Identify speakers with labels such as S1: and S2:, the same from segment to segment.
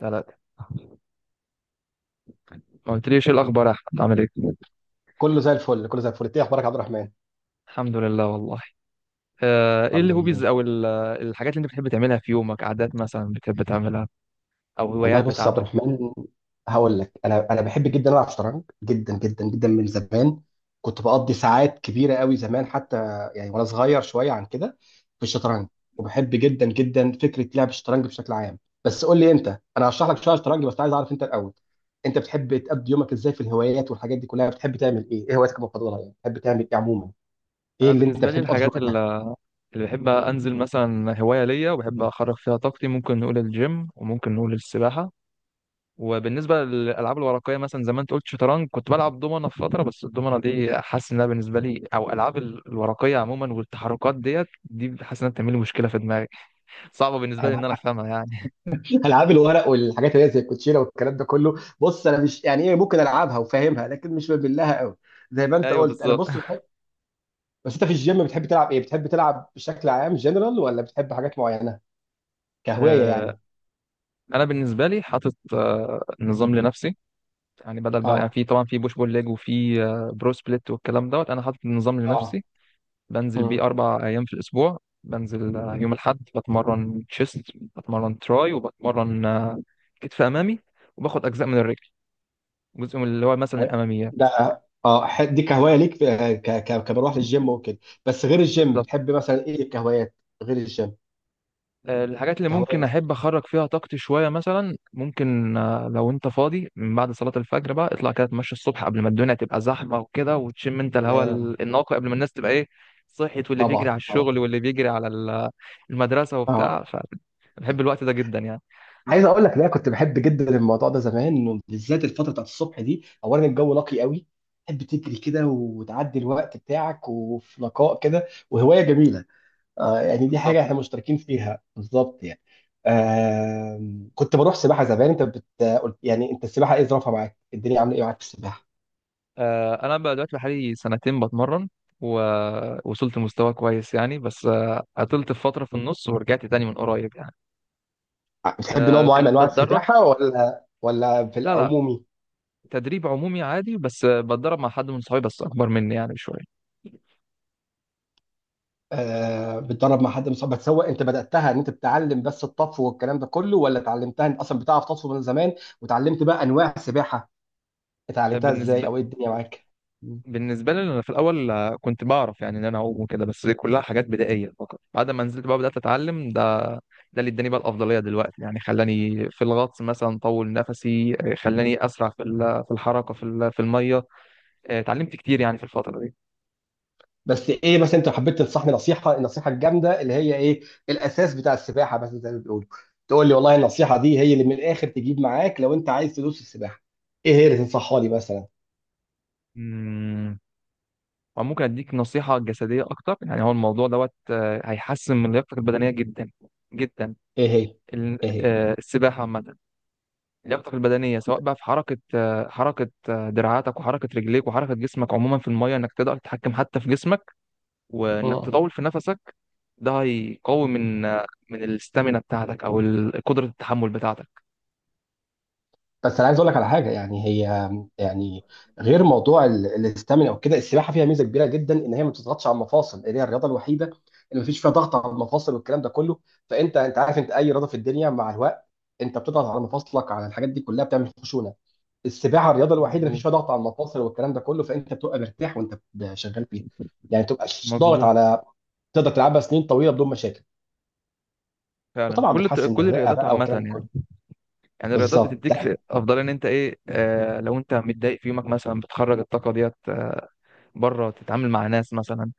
S1: ثلاثة. ما قلتليش ايه الاخبار يا احمد، عامل ايه؟
S2: كله زي الفل، كله زي الفل. ايه اخبارك يا عبد الرحمن؟
S1: الحمد لله والله. ايه
S2: الحمد
S1: الهوبيز
S2: لله.
S1: او الحاجات اللي انت بتحب تعملها في يومك، عادات مثلا بتحب تعملها او
S2: والله
S1: هوايات
S2: بص يا عبد
S1: بتاعتك؟
S2: الرحمن، هقول لك انا بحب جدا العب شطرنج جدا جدا جدا من زمان. كنت بقضي ساعات كبيره قوي زمان حتى، يعني وانا صغير شويه عن كده، في الشطرنج. وبحب جدا جدا فكره لعب الشطرنج بشكل عام. بس قول لي انت، انا هشرح لك شويه شطرنج بس عايز اعرف انت الاول. انت بتحب تقضي يومك ازاي في الهوايات والحاجات دي كلها؟ بتحب تعمل ايه؟ ايه هواياتك المفضله يعني؟ بتحب تعمل ايه عموما؟ ايه
S1: انا
S2: اللي انت
S1: بالنسبه لي
S2: بتحب تقضي فيه
S1: الحاجات اللي
S2: وقتك؟
S1: اللي بحب انزل، مثلا هوايه ليا وبحب اخرج فيها طاقتي، ممكن نقول الجيم وممكن نقول السباحه. وبالنسبه للالعاب الورقيه، مثلا زي ما انت قلت شطرنج، كنت بلعب دومنه في فتره، بس الدومنه دي حاسس انها بالنسبه لي، او الالعاب الورقيه عموما والتحركات دي، حاسس انها بتعمل لي مشكله في دماغي، صعبه بالنسبه لي ان انا افهمها يعني.
S2: العاب الورق والحاجات اللي هي زي الكوتشينه والكلام ده كله، بص انا مش يعني ايه، ممكن العبها وفاهمها لكن مش بميل لها قوي. زي ما انت
S1: ايوه،
S2: قلت، انا
S1: بالظبط.
S2: بص بحب. بس انت في الجيم بتحب تلعب ايه؟ بتحب تلعب بشكل عام جنرال ولا بتحب حاجات معينه كهوايه
S1: آه،
S2: يعني؟
S1: انا بالنسبه لي حاطط نظام لنفسي، يعني بدل بقى، يعني
S2: اه.
S1: في طبعا في بوش بول ليج وفي برو سبليت والكلام دوت، انا حاطط نظام
S2: اه.
S1: لنفسي. بنزل
S2: امم
S1: بيه 4 ايام في الاسبوع. بنزل يوم الاحد بتمرن تشيست، بتمرن تراي، وبتمرن كتف امامي. وباخد اجزاء من الرجل، جزء من اللي هو مثلا
S2: طيب.
S1: الاماميات
S2: ده اه دي كهوايه ليك، في- ك ك كبروح للجيم وكده. بس غير الجيم
S1: بس.
S2: بتحب مثلا ايه الكهوايات؟ غير الجيم
S1: الحاجات اللي
S2: كهوايه
S1: ممكن احب اخرج فيها طاقتي شويه، مثلا ممكن، لو انت فاضي من بعد صلاه الفجر بقى اطلع كده اتمشى الصبح، قبل ما الدنيا تبقى زحمه وكده، وتشم انت الهواء
S2: كلام.
S1: النقي قبل ما الناس تبقى ايه، صحيت، واللي بيجري على
S2: طبعا طبعا.
S1: الشغل واللي بيجري على المدرسه
S2: اه
S1: وبتاع، فبحب الوقت ده جدا يعني.
S2: عايز اقول لك، لا كنت بحب جدا الموضوع ده زمان، بالذات الفتره بتاعت الصبح دي. اولا الجو نقي قوي، تحب تجري كده وتعدي الوقت بتاعك وفي نقاء كده، وهوايه جميله. آه يعني دي
S1: بالظبط.
S2: حاجه احنا مشتركين فيها بالظبط يعني. آه. كنت بروح سباحه زمان، انت يعني انت السباحه ايه ظروفها معاك؟ الدنيا عامله ايه معاك في السباحه؟
S1: انا بقى دلوقتي بقالي سنتين بتمرن، ووصلت لمستوى كويس يعني، بس عطلت في فتره في النص ورجعت تاني من قريب يعني.
S2: بتحب نوع معين من
S1: كنت
S2: انواع
S1: بتدرب.
S2: السباحه ولا في
S1: لا، لا.
S2: العمومي؟
S1: تدريب عمومي عادي، بس بتدرب مع حد من صحابي بس اكبر مني يعني بشويه.
S2: آه بتدرب مع حد مصاب بتسوق؟ انت بداتها ان انت بتتعلم بس الطفو والكلام ده كله، ولا اتعلمتها انت اصلا بتعرف تطفو من زمان وتعلمت بقى انواع السباحه؟ اتعلمتها ازاي
S1: بالنسبه
S2: او ايه الدنيا معاك؟ مم.
S1: بالنسبه لي انا في الاول، كنت بعرف يعني ان انا اعوم وكده، بس دي كلها حاجات بدائيه فقط، بعد ما نزلت بقى بدات اتعلم ده. ده اللي اداني بقى الافضليه دلوقتي يعني، خلاني في الغطس مثلا طول نفسي، خلاني اسرع في في الحركه، في في الميه. اتعلمت كتير يعني في الفتره دي.
S2: بس ايه، بس انت حبيت تنصحني النصيحه الجامده اللي هي ايه الاساس بتاع السباحه بس زي ما بيقولوا، تقول لي والله النصيحه دي هي اللي من الاخر تجيب معاك لو انت عايز تدوس السباحه، ايه هي اللي تنصحها لي مثلا؟
S1: أمم، وممكن اديك نصيحه جسديه اكتر يعني، هو الموضوع دوت هيحسن من لياقتك البدنيه جدا جدا.
S2: ايه هي؟
S1: ال-
S2: ايه هي
S1: السباحه عامه، لياقتك البدنيه سواء بقى في حركه دراعاتك، وحركه رجليك، وحركه جسمك عموما في الميه، انك تقدر تتحكم حتى في جسمك، وانك
S2: مم.
S1: تطول في نفسك. ده هيقوي من الاستامينا بتاعتك، او قدره التحمل بتاعتك.
S2: بس انا عايز اقول لك على حاجه يعني هي، يعني غير موضوع الاستامينا وكده، السباحه فيها ميزه كبيره جدا ان هي ما بتضغطش على المفاصل، اللي هي الرياضه الوحيده اللي ما فيش فيها ضغط على المفاصل والكلام ده كله. فانت عارف، انت اي رياضه في الدنيا مع الوقت انت بتضغط على مفاصلك، على الحاجات دي كلها بتعمل خشونه. السباحه الرياضه الوحيده اللي ما فيش
S1: مظبوط.
S2: فيها ضغط على المفاصل والكلام ده كله، فانت بتبقى مرتاح وانت شغال فيها. يعني تبقى ضاغط
S1: مظبوط.
S2: على تقدر تلعبها سنين طويله بدون مشاكل.
S1: فعلا،
S2: وطبعا بتحسن
S1: كل
S2: الرئه
S1: الرياضات
S2: بقى
S1: عامه
S2: والكلام ده كله.
S1: يعني. يعني الرياضات
S2: بالظبط،
S1: بتديك في افضل، ان انت ايه، لو انت متضايق في يومك مثلا بتخرج الطاقه ديت، بره تتعامل مع ناس مثلا،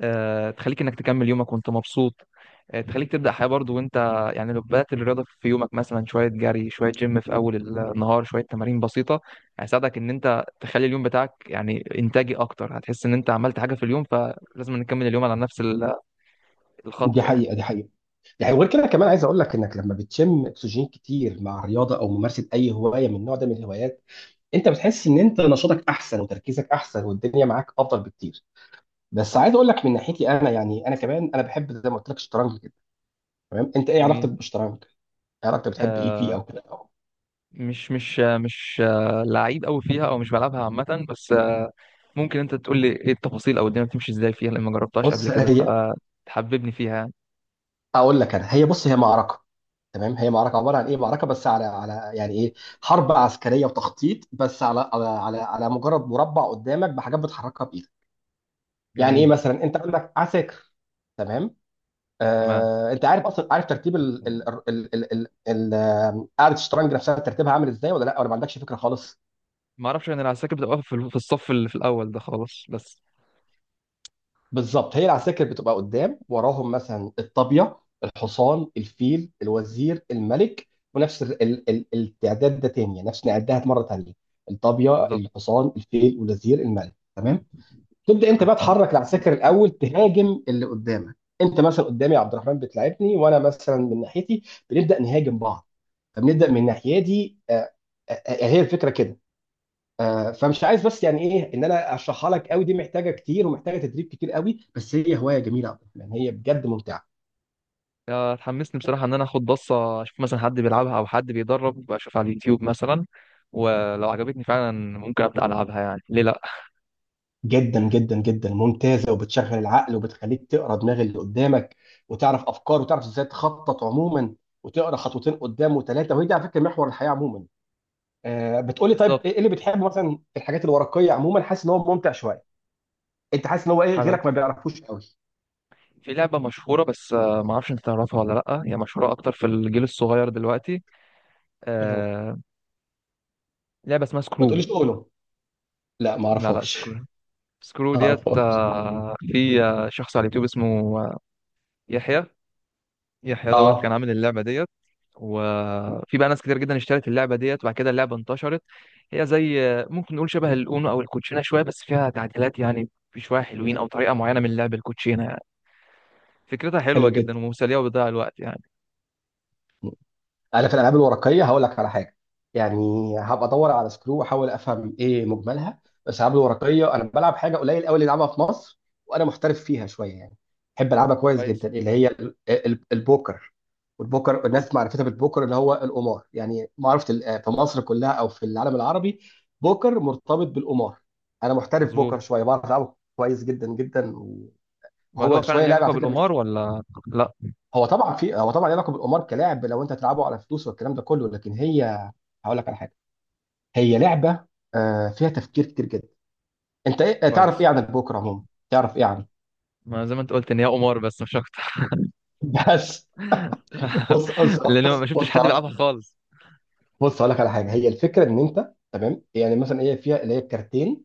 S1: تخليك انك تكمل يومك وانت مبسوط، تخليك تبدأ حياة برضو وانت، يعني لو بدأت الرياضة في يومك، مثلا شوية جري، شوية جيم في أول النهار، شوية تمارين بسيطة، هيساعدك إن أنت تخلي اليوم بتاعك يعني إنتاجي أكتر، هتحس إن أنت عملت حاجة في اليوم، فلازم نكمل اليوم على نفس الخط
S2: دي
S1: يعني.
S2: حقيقه دي حقيقه. يعني وغير كده كمان عايز اقول لك، انك لما بتشم اكسجين كتير مع الرياضه او ممارسه اي هوايه من النوع ده من الهوايات، انت بتحس ان انت نشاطك احسن وتركيزك احسن والدنيا معاك افضل بكتير. بس
S1: صح.
S2: عايز اقول لك من ناحيتي انا، يعني انا كمان انا بحب زي ما قلت لك الشطرنج كده. تمام، انت ايه علاقتك
S1: جميل.
S2: بالشطرنج؟ إيه علاقتك؟ بتحب ايه فيه
S1: آه
S2: او كده؟
S1: مش لعيب قوي فيها أو مش بلعبها عامة، بس ممكن أنت تقول لي إيه التفاصيل أو الدنيا بتمشي إزاي فيها؟ لأن ما جربتهاش قبل
S2: بص
S1: كده، فتحببني فيها يعني.
S2: اقول لك انا، هي معركه. تمام، هي معركه عباره عن ايه؟ معركه بس على يعني ايه، حرب عسكريه وتخطيط، بس على على مجرد مربع قدامك بحاجات بتحركها بايدك. يعني ايه
S1: جميل.
S2: مثلا؟ انت عندك عساكر، تمام.
S1: تمام.
S2: انت عارف اصلا، عارف ترتيب ال ال ال ال ال ال آه، قاعده الشطرنج نفسها ترتيبها عامل ازاي، ولا لا ما عندكش فكره خالص؟
S1: ما اعرفش يعني، العساكر بتبقى واقفة في في الصف اللي في الاول ده خالص بس.
S2: بالظبط، هي العساكر بتبقى قدام، وراهم مثلا الطابيه، الحصان، الفيل، الوزير، الملك. ونفس ال ال ال التعداد ده تاني، يعني نفس نعدها مره تانيه. الطابيه،
S1: بالظبط.
S2: الحصان، الفيل، الوزير، الملك، تمام. تبدا انت بقى
S1: تمام.
S2: تحرك العساكر الاول، تهاجم اللي قدامك. انت مثلا قدامي عبد الرحمن بتلاعبني، وانا مثلا من ناحيتي بنبدا نهاجم بعض. فبنبدا من ناحيتي هي الفكره كده. فمش عايز بس يعني ايه ان انا اشرحها لك قوي، دي محتاجه كتير ومحتاجه تدريب كتير قوي. بس هي هوايه جميله يا عبد الرحمن، هي بجد ممتعه
S1: يا اتحمسني بصراحه ان انا اخد بصه، اشوف مثلا حد بيلعبها او حد بيدرب، اشوف على اليوتيوب مثلا. ولو عجبتني فعلا، ممكن ابدا العبها يعني، ليه لا.
S2: جدا جدا جدا، ممتازه، وبتشغل العقل وبتخليك تقرا دماغ اللي قدامك وتعرف افكاره وتعرف ازاي تخطط عموما، وتقرا خطوتين قدام وثلاثه، وهي دي على فكره محور الحياه عموما. بتقولي طيب
S1: بالظبط.
S2: ايه اللي بتحبه مثلا في الحاجات الورقيه عموما، حاسس ان هو ممتع شويه؟ انت حاسس ان هو ايه
S1: حاجه.
S2: غيرك ما بيعرفوش قوي؟
S1: في لعبه مشهوره بس، ما اعرفش انت تعرفها ولا لا، هي مشهوره اكتر في الجيل الصغير دلوقتي.
S2: ايه هو؟
S1: آه، لعبه اسمها
S2: ما
S1: سكرو.
S2: تقوليش اولو. لا ما
S1: لا، لا،
S2: اعرفهاش.
S1: سكرو. سكرو
S2: ما
S1: ديت،
S2: اعرفهاش.
S1: في شخص على اليوتيوب اسمه آه، يحيى. يحيى دوت كان
S2: اه
S1: عامل اللعبة ديت. وفي بقى ناس كتير جدا اشترت اللعبة ديت، وبعد كده اللعبة انتشرت. هي زي، ممكن نقول شبه الأونو أو الكوتشينة شوية، بس فيها تعديلات يعني، في شوية حلوين أو طريقة معينة من لعب الكوتشينة يعني. فكرتها حلوة
S2: حلو
S1: جدا
S2: جدا.
S1: ومسلية وبتضيع الوقت يعني.
S2: انا في الالعاب الورقيه هقول لك على حاجه. يعني هبقى ادور على سكرو واحاول افهم ايه مجملها. بس الالعاب الورقيه انا بلعب حاجه قليل قوي اللي يلعبها في مصر، وانا محترف فيها شويه يعني. بحب العبها كويس
S1: كويس.
S2: جدا، اللي هي البوكر. والبوكر، الناس معرفتها بالبوكر اللي هو القمار. يعني معرفه في مصر كلها او في العالم العربي بوكر مرتبط بالقمار. انا محترف
S1: مظبوط.
S2: بوكر شويه، بعرف العبه كويس جدا جدا.
S1: وهل هو
S2: وهو
S1: فعلا
S2: شويه
S1: ليه
S2: لعبه
S1: علاقة
S2: على فكره.
S1: بالقمار ولا لا؟
S2: هو طبعا في، هو طبعا ليه علاقه بالقمار كلاعب لو انت هتلعبه على فلوس والكلام ده كله، لكن هي، هقول لك على حاجه، هي لعبه فيها تفكير كتير جدا. انت ايه آه، تعرف ايه
S1: كويس.
S2: عن البوكر عموما؟ تعرف ايه عنه؟
S1: ما زي ما انت قلت ان هي قمار، بس مش اكتر.
S2: بس. بص بص
S1: لان
S2: بص
S1: ما شفتش
S2: بص
S1: حد بيلعبها خالص.
S2: بص هقول لك على حاجه. هي الفكره ان انت، تمام، يعني مثلا هي فيها اللي هي الكارتين.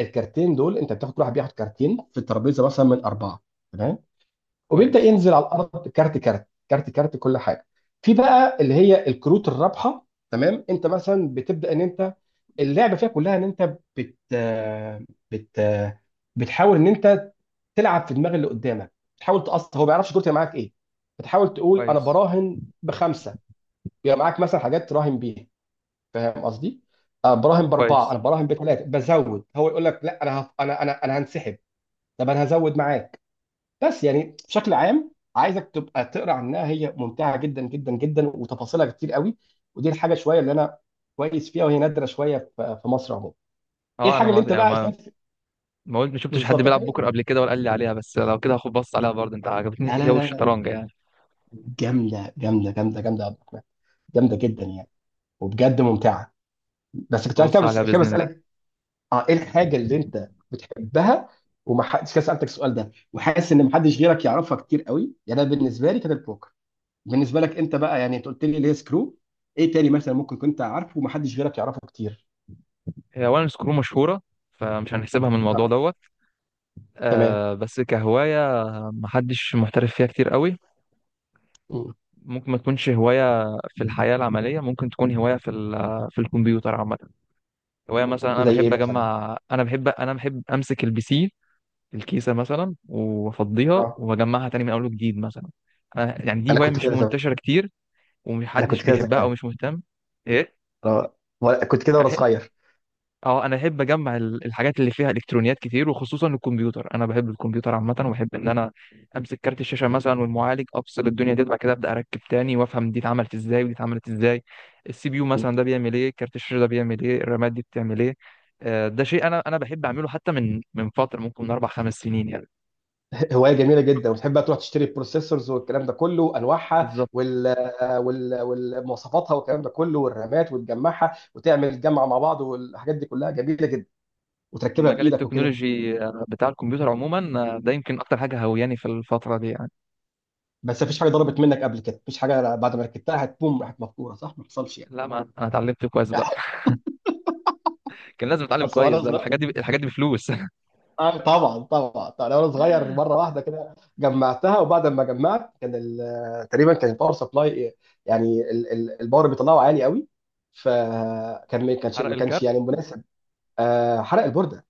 S2: الكارتين دول انت بتاخد، كل واحد بياخد كارتين في الترابيزه مثلا، من اربعه، تمام. وبيبدا
S1: كويس،
S2: ينزل على الارض كارت كارت كارت كارت، كل حاجه. في بقى اللي هي الكروت الرابحه، تمام. انت مثلا بتبدا ان انت، اللعبه فيها كلها ان انت بت بت بتحاول ان انت تلعب في دماغ اللي قدامك، بتحاول تقص هو ما بيعرفش كروت هي معاك ايه. بتحاول تقول انا
S1: كويس،
S2: براهن بخمسه، يبقى معاك مثلا حاجات تراهن بيها، فاهم قصدي؟ أه، براهن باربعه،
S1: كويس.
S2: انا براهن بثلاثه بزود، هو يقول لك لا انا هف... انا انا انا هنسحب. طب انا هزود معاك. بس يعني بشكل عام عايزك تبقى تقرا عنها، هي ممتعه جدا جدا جدا وتفاصيلها كتير قوي. ودي الحاجه شويه اللي انا كويس فيها، وهي نادره شويه في مصر عموما. ايه
S1: اه، انا
S2: الحاجه اللي
S1: ما
S2: انت
S1: يعني
S2: بقى
S1: ما
S2: شايف؟
S1: ما قلت ما شفتش حد
S2: بالظبط.
S1: بيلعب بكره قبل كده ولا قال لي عليها، بس لو كده هاخد بص عليها برضه، انت عجبتني
S2: لا
S1: هي
S2: لا لا لا،
S1: والشطرنج يعني.
S2: جامده جامده جامده جامده يا عبد الرحمن، جامده جدا يعني، وبجد ممتعه. بس كنت عايز كده،
S1: هبص
S2: بس
S1: عليها
S2: كده
S1: باذن الله.
S2: بسالك. اه، ايه الحاجه اللي انت بتحبها وما حدش كده سالتك السؤال ده، وحاسس ان ما حدش غيرك يعرفها كتير قوي؟ يعني انا بالنسبه لي كانت البوكر. بالنسبه لك انت بقى، يعني انت قلت لي اللي هي سكرو، ايه تاني مثلا ممكن كنت عارفه ومحدش غيرك يعرفه كتير؟
S1: هي اولا سكرو مشهوره، فمش هنحسبها من الموضوع
S2: اه.
S1: دوت.
S2: تمام.
S1: بس كهوايه محدش محترف فيها كتير قوي.
S2: مم.
S1: ممكن ما تكونش هوايه في الحياه العمليه، ممكن تكون هوايه في في الكمبيوتر عامه. هوايه مثلا، انا
S2: زي ايه
S1: بحب
S2: مثلا؟
S1: اجمع، انا بحب امسك الـPC، الكيسه مثلا، وافضيها
S2: اه
S1: واجمعها تاني من اول وجديد مثلا. يعني دي
S2: انا
S1: هوايه
S2: كنت
S1: مش
S2: كده زمان.
S1: منتشره كتير،
S2: انا كنت
S1: ومحدش
S2: كده
S1: بيحبها او
S2: زمان.
S1: مش مهتم. ايه؟
S2: أنا- كنت كده
S1: أنا
S2: وانا
S1: بحب-
S2: صغير.
S1: اه، انا احب اجمع الحاجات اللي فيها الكترونيات كتير، وخصوصا الكمبيوتر. انا بحب الكمبيوتر عامه، وبحب ان انا امسك كارت الشاشه مثلا والمعالج، افصل الدنيا دي بعد كده ابدا اركب تاني، وافهم دي اتعملت ازاي ودي اتعملت ازاي. الـCPU مثلا ده بيعمل ايه، كارت الشاشه ده بيعمل ايه، الرامات دي بتعمل ايه. ده شيء انا بحب اعمله حتى من فتره، ممكن من 4 5 سنين يعني.
S2: هوايه جميله جدا. وتحب بقى تروح تشتري البروسيسورز والكلام ده كله، انواعها
S1: بالظبط.
S2: والمواصفاتها والكلام ده كله والرامات، وتجمعها وتعمل جمع مع بعض والحاجات دي كلها جميله جدا، وتركبها
S1: المجال
S2: بايدك وكده.
S1: التكنولوجي بتاع الكمبيوتر عموما. ده يمكن اكتر حاجه هوياني في الفتره دي يعني.
S2: بس مفيش حاجه ضربت منك قبل كده؟ مفيش حاجه بعد ما ركبتها هتبوم راحت مفكوره صح؟ ما حصلش
S1: لا، ما انا اتعلمت كويس بقى.
S2: يعني.
S1: كان لازم اتعلم
S2: اصل
S1: كويس،
S2: وانا
S1: ده
S2: صغير،
S1: الحاجات دي بفلوس.
S2: آه طبعا طبعا طبعا، انا وانا صغير مره واحده كده جمعتها وبعد ما جمعت كان تقريبا كان الباور سبلاي، يعني الباور اللي بيطلعه عالي قوي، فكان ما كانش
S1: حرق
S2: ما كانش
S1: الكارت.
S2: يعني مناسب. آه، حرق البورده،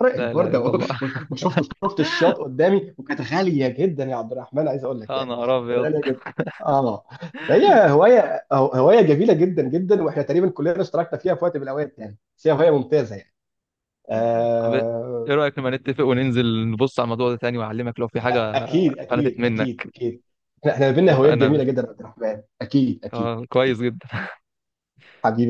S2: حرق
S1: لا، لا،
S2: البورده
S1: الا الله.
S2: وشفت الشياط قدامي، وكانت غاليه جدا يا عبد الرحمن عايز اقول لك
S1: يا
S2: يعني.
S1: نهار
S2: كانت
S1: ابيض.
S2: غاليه جدا. اه. هي هوايه جميله جدا جدا، واحنا تقريبا كلنا اشتركنا فيها في وقت من الاوقات يعني. بس هي هوايه ممتازه يعني.
S1: طب ايه
S2: آه.
S1: رايك، لما نتفق وننزل نبص على الموضوع ده تاني، واعلمك لو في حاجه
S2: اكيد
S1: فلتت
S2: اكيد اكيد
S1: منك؟
S2: اكيد. احنا إحنا بينا هوايات
S1: اتفقنا يا
S2: جميله
S1: باشا.
S2: جدا يا عبد الرحمن، اكيد اكيد.
S1: كويس
S2: اكيد.
S1: جدا.
S2: حبيبي.